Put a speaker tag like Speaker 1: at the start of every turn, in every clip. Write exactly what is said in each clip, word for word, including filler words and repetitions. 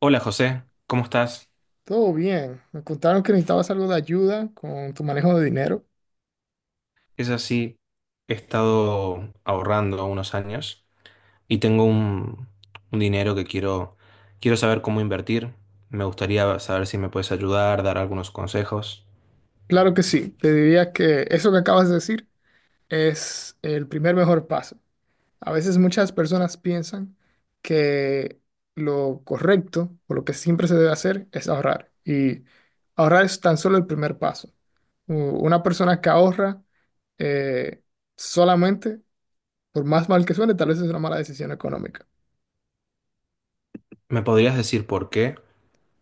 Speaker 1: Hola José, ¿cómo estás?
Speaker 2: Todo bien. Me contaron que necesitabas algo de ayuda con tu manejo de dinero.
Speaker 1: Es así, he estado ahorrando unos años y tengo un, un dinero que quiero, quiero saber cómo invertir. Me gustaría saber si me puedes ayudar, dar algunos consejos.
Speaker 2: Claro que sí. Te diría que eso que acabas de decir es el primer mejor paso. A veces muchas personas piensan que lo correcto o lo que siempre se debe hacer es ahorrar. Y ahorrar es tan solo el primer paso. U- Una persona que ahorra eh, solamente, por más mal que suene, tal vez es una mala decisión económica.
Speaker 1: ¿Me podrías decir por qué?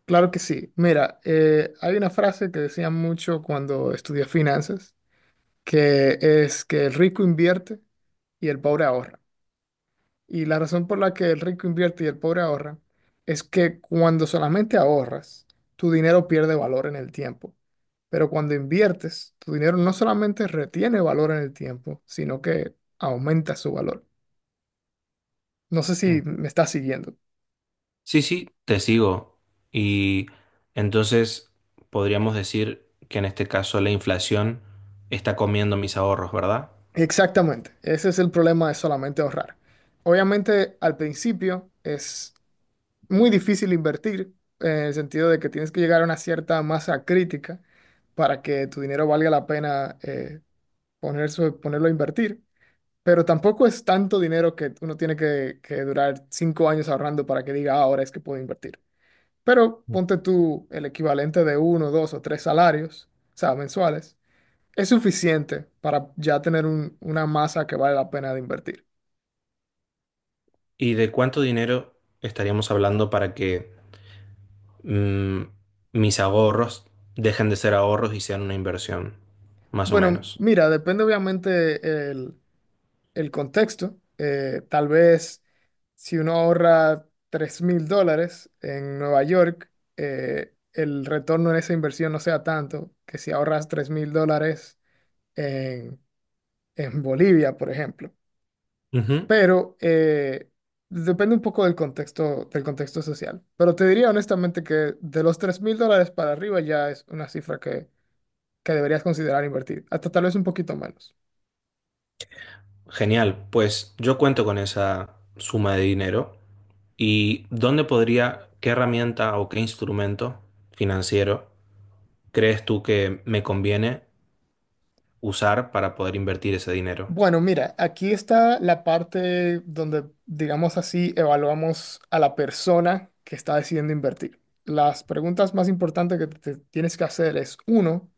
Speaker 2: Claro que sí. Mira, eh, hay una frase que decía mucho cuando estudié finanzas, que es que el rico invierte y el pobre ahorra. Y la razón por la que el rico invierte y el pobre ahorra es que, cuando solamente ahorras, tu dinero pierde valor en el tiempo. Pero cuando inviertes, tu dinero no solamente retiene valor en el tiempo, sino que aumenta su valor. No sé
Speaker 1: Mm.
Speaker 2: si me estás siguiendo.
Speaker 1: Sí, sí, te sigo. Y entonces podríamos decir que en este caso la inflación está comiendo mis ahorros, ¿verdad?
Speaker 2: Exactamente, ese es el problema de solamente ahorrar. Obviamente al principio es muy difícil invertir, en el sentido de que tienes que llegar a una cierta masa crítica para que tu dinero valga la pena eh, poner su- ponerlo a invertir, pero tampoco es tanto dinero que uno tiene que, que durar cinco años ahorrando para que diga: "Ah, ahora es que puedo invertir". Pero ponte tú el equivalente de uno, dos o tres salarios, o sea, mensuales. Es suficiente para ya tener un- una masa que vale la pena de invertir.
Speaker 1: ¿Y de cuánto dinero estaríamos hablando para que mm, mis ahorros dejen de ser ahorros y sean una inversión, más o
Speaker 2: Bueno,
Speaker 1: menos?
Speaker 2: mira, depende obviamente el, el contexto. Eh, tal vez si uno ahorra tres mil dólares en Nueva York, eh, el retorno en esa inversión no sea tanto que si ahorras tres mil dólares en, en Bolivia, por ejemplo.
Speaker 1: Ujú.
Speaker 2: Pero eh, depende un poco del contexto, del contexto social. Pero te diría honestamente que de los tres mil dólares para arriba ya es una cifra que, que deberías considerar invertir, hasta tal vez un poquito menos.
Speaker 1: Genial, pues yo cuento con esa suma de dinero. ¿Y dónde podría, qué herramienta o qué instrumento financiero crees tú que me conviene usar para poder invertir ese dinero?
Speaker 2: Bueno, mira, aquí está la parte donde, digamos así, evaluamos a la persona que está decidiendo invertir. Las preguntas más importantes que te tienes que hacer es, uno,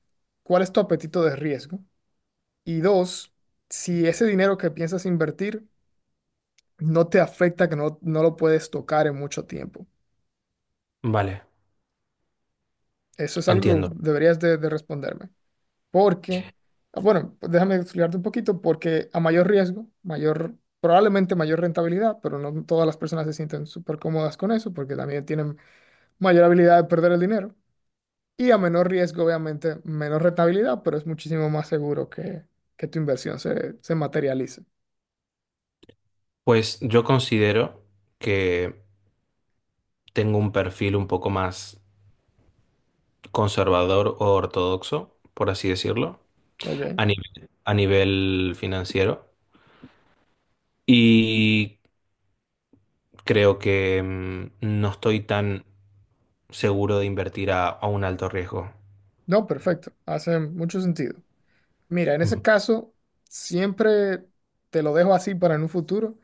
Speaker 2: ¿cuál es tu apetito de riesgo? Y dos, si ese dinero que piensas invertir no te afecta que no, no lo puedes tocar en mucho tiempo.
Speaker 1: Vale,
Speaker 2: Eso es algo
Speaker 1: entiendo.
Speaker 2: que deberías de, de responderme. Porque, ah, bueno, pues déjame explicarte un poquito, porque a mayor riesgo, mayor, probablemente mayor rentabilidad, pero no todas las personas se sienten súper cómodas con eso, porque también tienen mayor habilidad de perder el dinero. Y a menor riesgo, obviamente, menor rentabilidad, pero es muchísimo más seguro que, que tu inversión se, se materialice.
Speaker 1: Pues yo considero que tengo un perfil un poco más conservador o ortodoxo, por así decirlo.
Speaker 2: ¿Ok?
Speaker 1: a nivel, a nivel financiero. Y creo que mm, no estoy tan seguro de invertir a, a un alto riesgo.
Speaker 2: No, perfecto. Hace mucho sentido. Mira, en ese
Speaker 1: Ujú.
Speaker 2: caso, siempre te lo dejo así para en un futuro.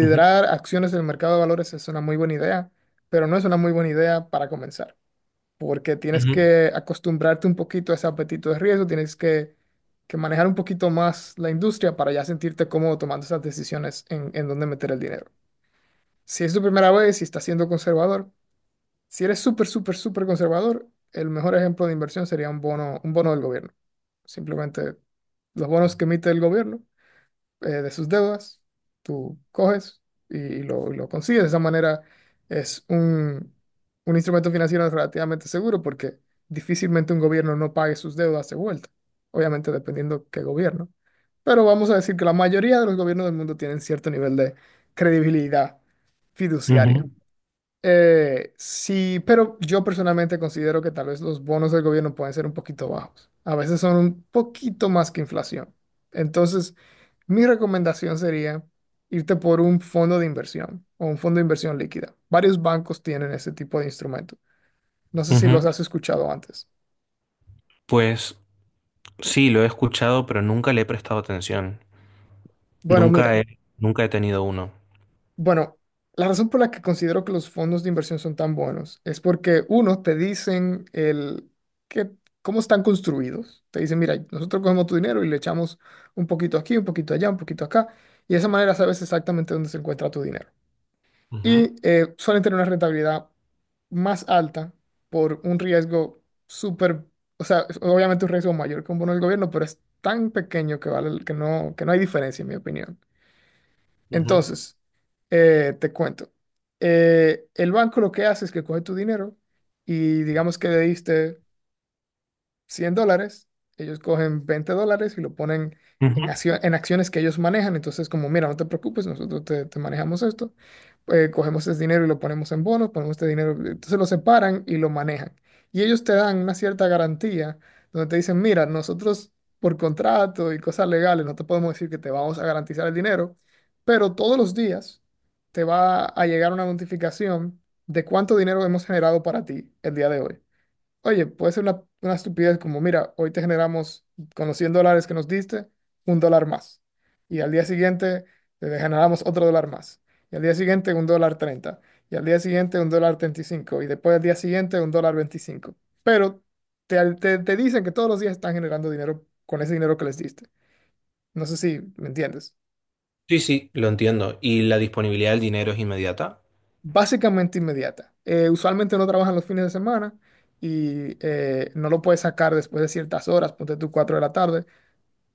Speaker 1: Ujú,
Speaker 2: acciones del mercado de valores es una muy buena idea, pero no es una muy buena idea para comenzar, porque tienes
Speaker 1: ujú,
Speaker 2: que acostumbrarte un poquito a ese apetito de riesgo, tienes que, que manejar un poquito más la industria para ya sentirte cómodo tomando esas decisiones en, en dónde meter el dinero. Si es tu primera vez y estás siendo conservador, si eres súper, súper, súper conservador, el mejor ejemplo de inversión sería un bono, un bono del gobierno. Simplemente los bonos que emite el gobierno, eh, de sus deudas, tú coges y lo, lo consigues. De esa manera es un, un instrumento financiero relativamente seguro, porque difícilmente un gobierno no pague sus deudas de vuelta. Obviamente dependiendo qué gobierno. Pero vamos a decir que la mayoría de los gobiernos del mundo tienen cierto nivel de credibilidad fiduciaria. Eh, sí, pero yo personalmente considero que tal vez los bonos del gobierno pueden ser un poquito bajos. A veces son un poquito más que inflación. Entonces, mi recomendación sería irte por un fondo de inversión o un fondo de inversión líquida. Varios bancos tienen ese tipo de instrumento. No sé
Speaker 1: ujú,
Speaker 2: si
Speaker 1: ujú.
Speaker 2: los has escuchado antes.
Speaker 1: Pues sí, lo he escuchado, pero nunca le he prestado atención.
Speaker 2: Bueno,
Speaker 1: Nunca
Speaker 2: mira.
Speaker 1: he, nunca he tenido uno.
Speaker 2: Bueno, la razón por la que considero que los fondos de inversión son tan buenos es porque, uno, te dicen el que, cómo están construidos. Te dicen: mira, nosotros cogemos tu dinero y le echamos un poquito aquí, un poquito allá, un poquito acá. Y de esa manera sabes exactamente dónde se encuentra tu dinero.
Speaker 1: Ujú,
Speaker 2: Y eh, suelen tener una rentabilidad más alta por un riesgo súper, o sea, es obviamente un riesgo mayor que un bono del gobierno, pero es tan pequeño que vale, que no, que no hay diferencia, en mi opinión.
Speaker 1: ujú,
Speaker 2: Entonces, eh, te cuento. Eh, el banco lo que hace es que coge tu dinero y digamos que le diste cien dólares, ellos cogen veinte dólares y lo ponen en,
Speaker 1: ujú.
Speaker 2: accio- en acciones que ellos manejan. Entonces, como, mira, no te preocupes, nosotros te, te manejamos esto, eh, cogemos ese dinero y lo ponemos en bonos, ponemos este dinero, entonces lo separan y lo manejan. Y ellos te dan una cierta garantía donde te dicen: mira, nosotros por contrato y cosas legales no te podemos decir que te vamos a garantizar el dinero, pero todos los días te va a llegar una notificación de cuánto dinero hemos generado para ti el día de hoy. Oye, puede ser una, una estupidez como: mira, hoy te generamos, con los cien dólares que nos diste, un dólar más. Y al día siguiente te generamos otro dólar más. Y al día siguiente un dólar treinta. Y al día siguiente un dólar treinta y cinco. Y cinco. Y después al día siguiente un dólar veinticinco. Pero te, al- te, te dicen que todos los días están generando dinero con ese dinero que les diste. No sé si me entiendes.
Speaker 1: Sí, sí, lo entiendo. ¿Y la disponibilidad del dinero es inmediata?
Speaker 2: Básicamente inmediata. Eh, usualmente no trabajan los fines de semana y eh, no lo puedes sacar después de ciertas horas, ponte tú cuatro de la tarde.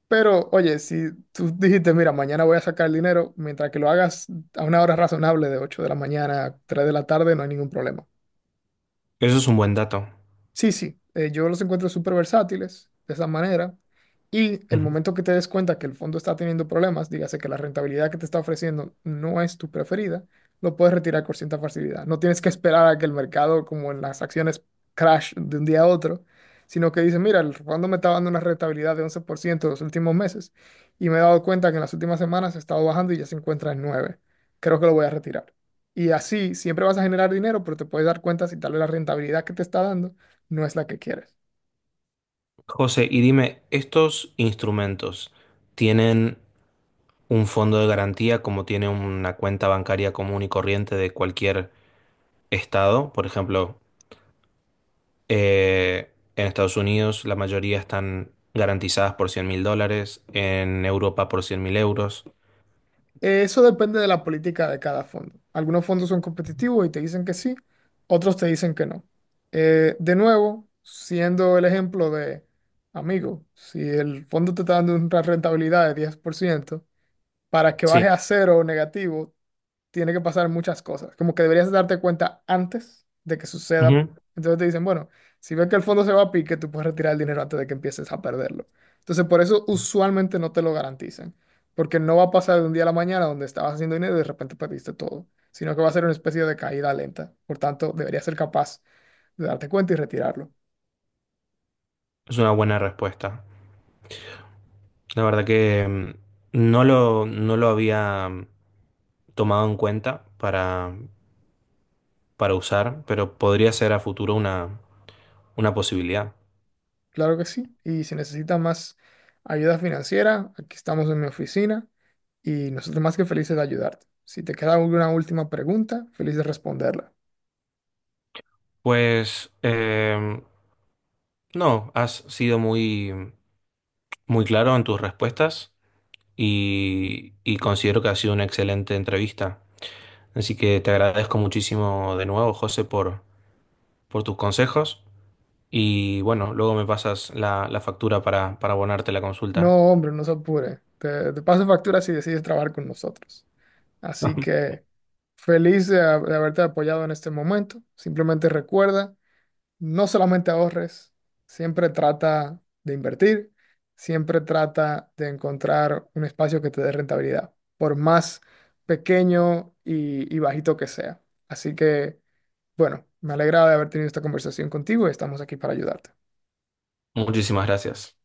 Speaker 2: Pero, oye, si tú dijiste: mira, mañana voy a sacar el dinero, mientras que lo hagas a una hora razonable, de ocho de la mañana a tres de la tarde, no hay ningún problema.
Speaker 1: Eso es un buen dato.
Speaker 2: Sí, sí, eh, yo los encuentro súper versátiles de esa manera, y el
Speaker 1: Ujú.
Speaker 2: momento que te des cuenta que el fondo está teniendo problemas, dígase que la rentabilidad que te está ofreciendo no es tu preferida, lo puedes retirar con cierta facilidad. No tienes que esperar a que el mercado, como en las acciones, crash de un día a otro, sino que dices: mira, el fondo me está dando una rentabilidad de once por ciento los últimos meses y me he dado cuenta que en las últimas semanas ha estado bajando y ya se encuentra en nueve. Creo que lo voy a retirar. Y así siempre vas a generar dinero, pero te puedes dar cuenta si tal vez la rentabilidad que te está dando no es la que quieres.
Speaker 1: José, y dime, ¿estos instrumentos tienen un fondo de garantía como tiene una cuenta bancaria común y corriente de cualquier estado? Por ejemplo, eh, en Estados Unidos la mayoría están garantizadas por cien mil dólares, en Europa por cien mil euros.
Speaker 2: Eh, Eso depende de la política de cada fondo. Algunos fondos son competitivos y te dicen que sí, otros te dicen que no. Eh, de nuevo, siendo el ejemplo de, amigo, si el fondo te está dando una rentabilidad de diez por ciento, para que baje
Speaker 1: Sí.
Speaker 2: a cero o negativo, tiene que pasar muchas cosas. Como que deberías darte cuenta antes de que suceda.
Speaker 1: Ujú.
Speaker 2: Entonces te dicen: bueno, si ves que el fondo se va a pique, tú puedes retirar el dinero antes de que empieces a perderlo. Entonces, por eso usualmente no te lo garantizan, porque no va a pasar de un día a la mañana, donde estabas haciendo dinero y de repente perdiste todo, sino que va a ser una especie de caída lenta. Por tanto, deberías ser capaz de darte cuenta y retirarlo.
Speaker 1: Es una buena respuesta. La verdad que mm, no lo, no lo había mm, tomado en cuenta para, para usar, pero podría ser a futuro una, una posibilidad.
Speaker 2: Claro que sí. Y si necesitas más ayuda financiera, aquí estamos en mi oficina, y nosotros más que felices de ayudarte. Si te queda alguna última pregunta, feliz de responderla.
Speaker 1: Pues em, no, has sido muy muy claro en tus respuestas y, y considero que ha sido una excelente entrevista. Así que te agradezco muchísimo de nuevo, José, por, por tus consejos y bueno, luego me pasas la, la factura para, para abonarte la consulta.
Speaker 2: No, hombre, no se apure. Te, te paso factura si decides trabajar con nosotros. Así que feliz de, ha- de haberte apoyado en este momento. Simplemente recuerda, no solamente ahorres, siempre trata de invertir, siempre trata de encontrar un espacio que te dé rentabilidad, por más pequeño y, y bajito que sea. Así que, bueno, me alegra de haber tenido esta conversación contigo, y estamos aquí para ayudarte.
Speaker 1: Muchísimas gracias.